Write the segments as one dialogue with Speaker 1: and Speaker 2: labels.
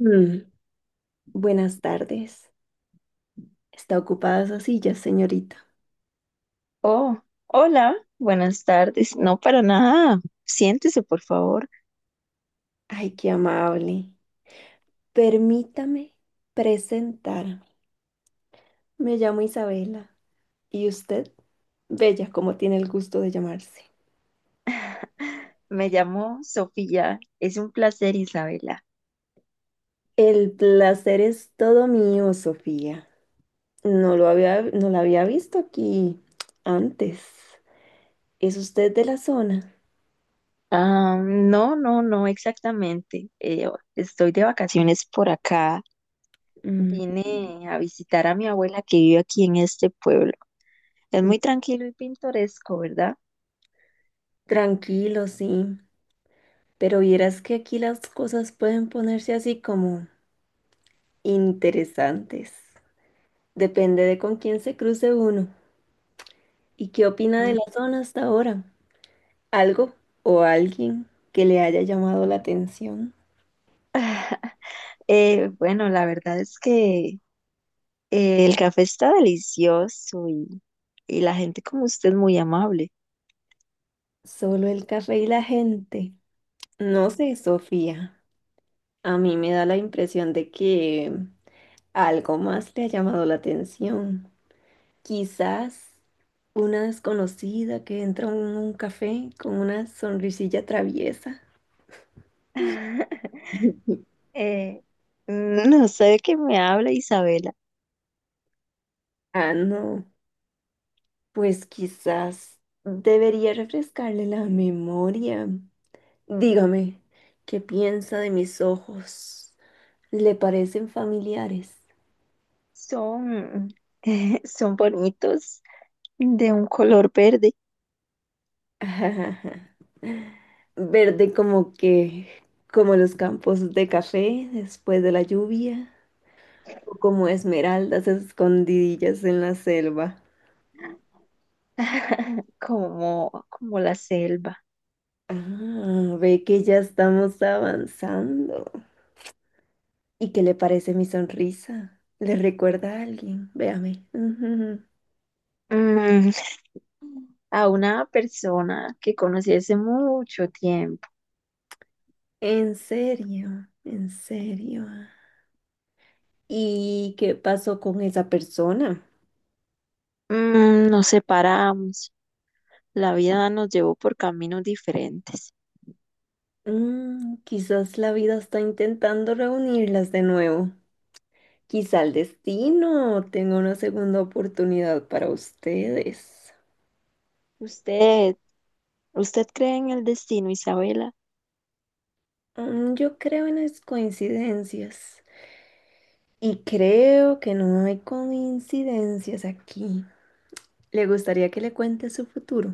Speaker 1: Mm, Buenas tardes. ¿Está ocupada esa silla, señorita?
Speaker 2: Oh, hola, buenas tardes. No, para nada. Siéntese, por favor.
Speaker 1: Ay, qué amable. Permítame presentarme. Me llamo Isabela. ¿Y usted? Bella, como tiene el gusto de llamarse.
Speaker 2: Me llamo Sofía. Es un placer, Isabela.
Speaker 1: El placer es todo mío, Sofía. No la había visto aquí antes. ¿Es usted de la zona?
Speaker 2: Ah, no, no, no, exactamente. Estoy de vacaciones por acá.
Speaker 1: Mm,
Speaker 2: Vine a visitar a mi abuela que vive aquí en este pueblo. Es muy tranquilo y pintoresco, ¿verdad?
Speaker 1: tranquilo, sí. Pero vieras que aquí las cosas pueden ponerse así como interesantes. Depende de con quién se cruce uno y qué opina de
Speaker 2: Mm.
Speaker 1: la zona hasta ahora. Algo o alguien que le haya llamado la atención.
Speaker 2: Bueno, la verdad es que el café está delicioso y la gente como usted es muy amable.
Speaker 1: Solo el café y la gente. No sé, Sofía. A mí me da la impresión de que algo más le ha llamado la atención. Quizás una desconocida que entra en un café con una sonrisilla traviesa.
Speaker 2: Eh, no sé de qué me habla Isabela.
Speaker 1: Ah, no. Pues quizás debería refrescarle la memoria. Dígame, ¿qué piensa de mis ojos? ¿Le parecen familiares?
Speaker 2: Son, son bonitos, de un color verde.
Speaker 1: Verde como que, como los campos de café después de la lluvia, o como esmeraldas escondidillas en la selva.
Speaker 2: Como, como la selva.
Speaker 1: Ah, ve que ya estamos avanzando. ¿Y qué le parece mi sonrisa? ¿Le recuerda a alguien? Véame. Ujú.
Speaker 2: Mm, a una persona que conocí hace mucho tiempo.
Speaker 1: En serio, en serio. ¿Y qué pasó con esa persona?
Speaker 2: Mm, nos separamos. La vida nos llevó por caminos diferentes.
Speaker 1: Mm, quizás la vida está intentando reunirlas de nuevo. Quizá el destino tenga una segunda oportunidad para ustedes.
Speaker 2: ¿Usted, ¿usted cree en el destino, Isabela?
Speaker 1: Mm, yo creo en las coincidencias. Y creo que no hay coincidencias aquí. ¿Le gustaría que le cuente su futuro?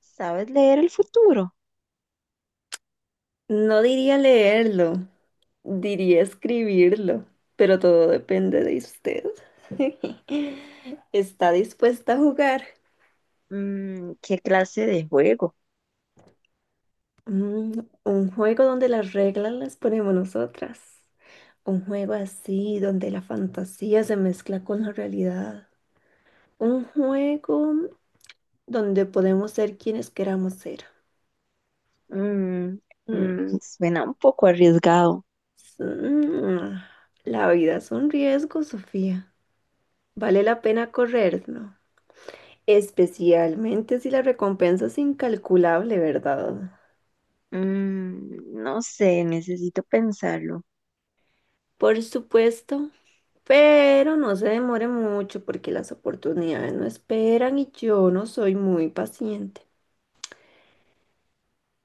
Speaker 2: ¿Sabes leer el futuro?
Speaker 1: No diría leerlo, diría escribirlo, pero todo depende de usted. ¿Está dispuesta a jugar?
Speaker 2: Mm, ¿qué clase de juego?
Speaker 1: Mm, un juego donde las reglas las ponemos nosotras. Un juego así donde la fantasía se mezcla con la realidad. Un juego donde podemos ser quienes queramos ser.
Speaker 2: Mm,
Speaker 1: Mm,
Speaker 2: mm, suena un poco arriesgado.
Speaker 1: s- mm, La vida es un riesgo, Sofía. Vale la pena correr, ¿no? Especialmente si la recompensa es incalculable, ¿verdad?
Speaker 2: Mm, no sé, necesito pensarlo.
Speaker 1: Por supuesto, pero no se demore mucho porque las oportunidades no esperan y yo no soy muy paciente.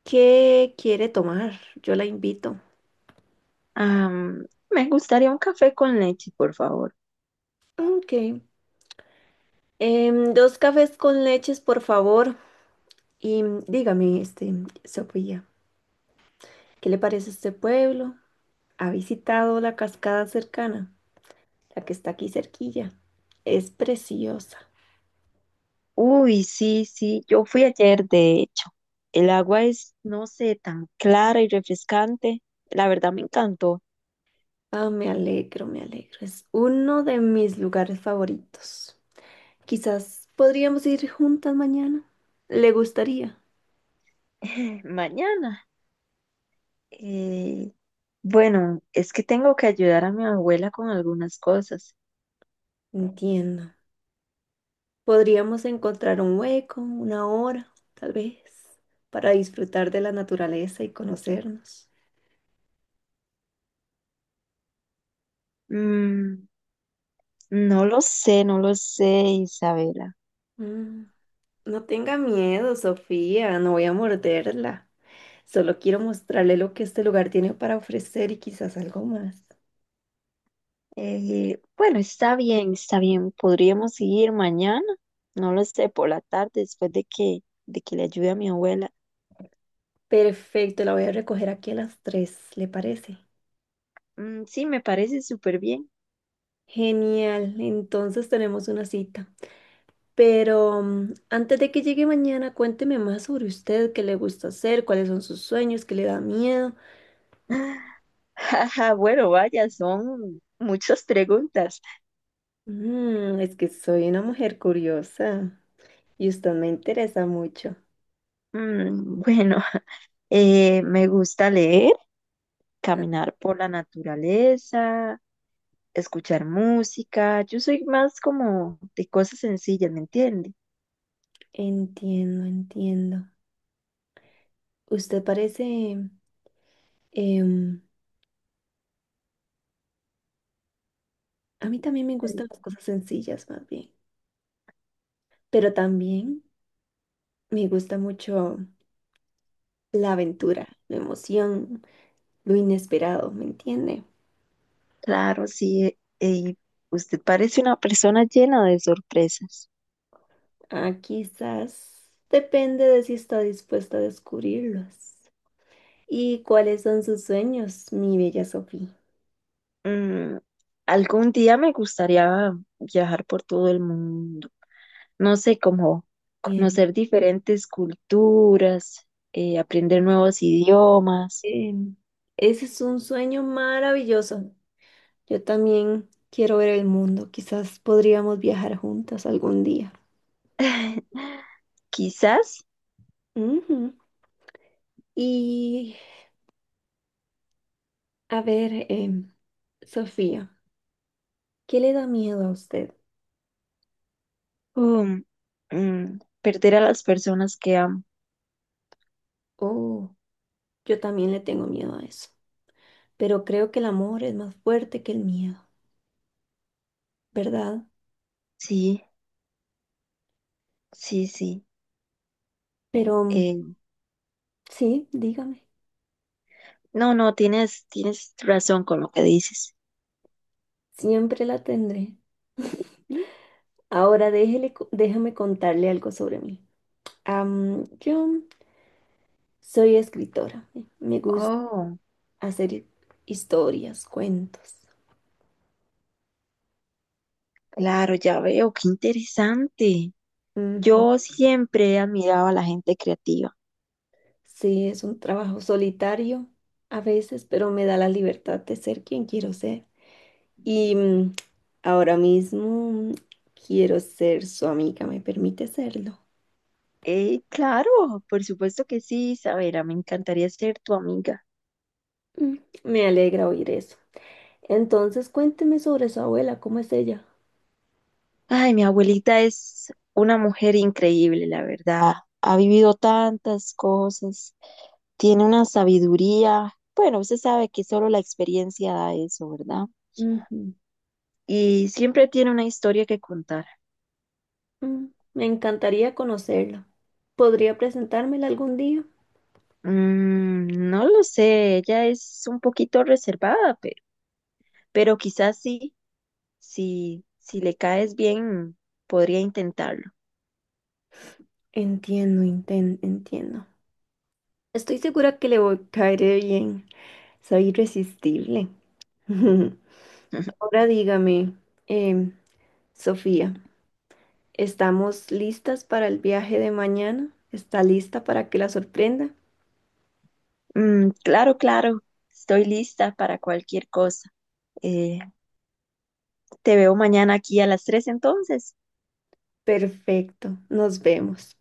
Speaker 1: ¿Qué quiere tomar? Yo la invito.
Speaker 2: Me gustaría un café con leche, por favor.
Speaker 1: Ok. Dos cafés con leches, por favor. Y dígame, este, Sofía, ¿qué le parece este pueblo? ¿Ha visitado la cascada cercana? La que está aquí cerquilla. Es preciosa.
Speaker 2: Uy, sí, sí, yo fui ayer, de hecho. El agua es, no sé, tan clara y refrescante. La verdad me encantó.
Speaker 1: Ah, me alegro, me alegro. Es uno de mis lugares favoritos. Quizás podríamos ir juntas mañana. ¿Le gustaría?
Speaker 2: Mañana. eh, bueno, es que tengo que ayudar a mi abuela con algunas cosas.
Speaker 1: Entiendo. Podríamos encontrar un hueco, una hora, tal vez, para disfrutar de la naturaleza y conocernos.
Speaker 2: Mm, no lo sé, Isabela.
Speaker 1: Mm, No tenga miedo, Sofía, no voy a morderla. Solo quiero mostrarle lo que este lugar tiene para ofrecer y quizás algo más.
Speaker 2: Bueno, está bien, está bien. Podríamos seguir mañana, no lo sé, por la tarde, de que le ayude a mi abuela.
Speaker 1: Perfecto, la voy a recoger aquí a las tres, ¿le parece?
Speaker 2: Mm, sí, me parece súper bien.
Speaker 1: Genial, entonces tenemos una cita. Pero antes de que llegue mañana, cuénteme más sobre usted, qué le gusta hacer, cuáles son sus sueños, qué le da miedo.
Speaker 2: Jaja, bueno, vaya, son muchas preguntas.
Speaker 1: Mm, es que soy una mujer curiosa y usted me interesa mucho.
Speaker 2: Mm, bueno, me gusta leer,
Speaker 1: Ah,
Speaker 2: caminar por la naturaleza, escuchar música. Yo soy más como de cosas sencillas, ¿me entiende?
Speaker 1: entiendo, entiendo. Usted parece... em, a mí también me gustan las cosas sencillas, más bien. Pero también me gusta mucho la aventura, la emoción, lo inesperado, ¿me entiende?
Speaker 2: Claro, sí. Y usted parece una persona llena de sorpresas.
Speaker 1: Ah, quizás depende de si está dispuesta a descubrirlos. ¿Y cuáles son sus sueños, mi bella Sofía?
Speaker 2: Mm, algún día me gustaría viajar por todo el mundo. No sé, cómo
Speaker 1: Bien,
Speaker 2: conocer diferentes culturas, aprender nuevos idiomas,
Speaker 1: em, ese es un sueño maravilloso. Yo también quiero ver el mundo. Quizás podríamos viajar juntas algún día.
Speaker 2: quizás.
Speaker 1: Ujú. Y a ver, Sofía, ¿qué le da miedo a usted?
Speaker 2: um, Perder a las personas que amo.
Speaker 1: Oh, yo también le tengo miedo a eso. Pero creo que el amor es más fuerte que el miedo, ¿verdad?
Speaker 2: Sí, sí, sí.
Speaker 1: Pero
Speaker 2: Eh,
Speaker 1: sí, dígame.
Speaker 2: no, no, tienes razón con lo que dices.
Speaker 1: Siempre la tendré. Ahora déjame contarle algo sobre mí. Yo soy escritora. Me gusta
Speaker 2: Oh,
Speaker 1: hacer historias, cuentos.
Speaker 2: claro, ya veo, qué interesante.
Speaker 1: Ujú.
Speaker 2: Yo siempre he admirado a la gente creativa.
Speaker 1: Sí, es un trabajo solitario a veces, pero me da la libertad de ser quien quiero ser. Y ahora mismo quiero ser su amiga. ¿Me permite serlo?
Speaker 2: Claro, por supuesto que sí, Isabela, me encantaría ser tu amiga.
Speaker 1: Mm, Me alegra oír eso. Entonces, cuénteme sobre su abuela. ¿Cómo es ella?
Speaker 2: Ay, mi abuelita es una mujer increíble, la verdad. Ha vivido tantas cosas, tiene una sabiduría. Bueno, usted sabe que solo la experiencia da eso, ¿verdad? Y siempre tiene una historia que contar.
Speaker 1: Mm, Me encantaría conocerlo. ¿Podría presentármela algún día?
Speaker 2: Mm, no lo sé, ella es un poquito reservada, pero quizás sí, si le caes bien, podría intentarlo.
Speaker 1: Entiendo. Estoy segura que le voy a caer bien. Soy irresistible. Ahora dígame, em, Sofía, ¿estamos listas para el viaje de mañana? ¿Está lista para que la sorprenda?
Speaker 2: Mm, claro, claro, estoy lista para cualquier cosa. Eh, Te veo mañana aquí a las 3 entonces.
Speaker 1: Perfecto, nos vemos.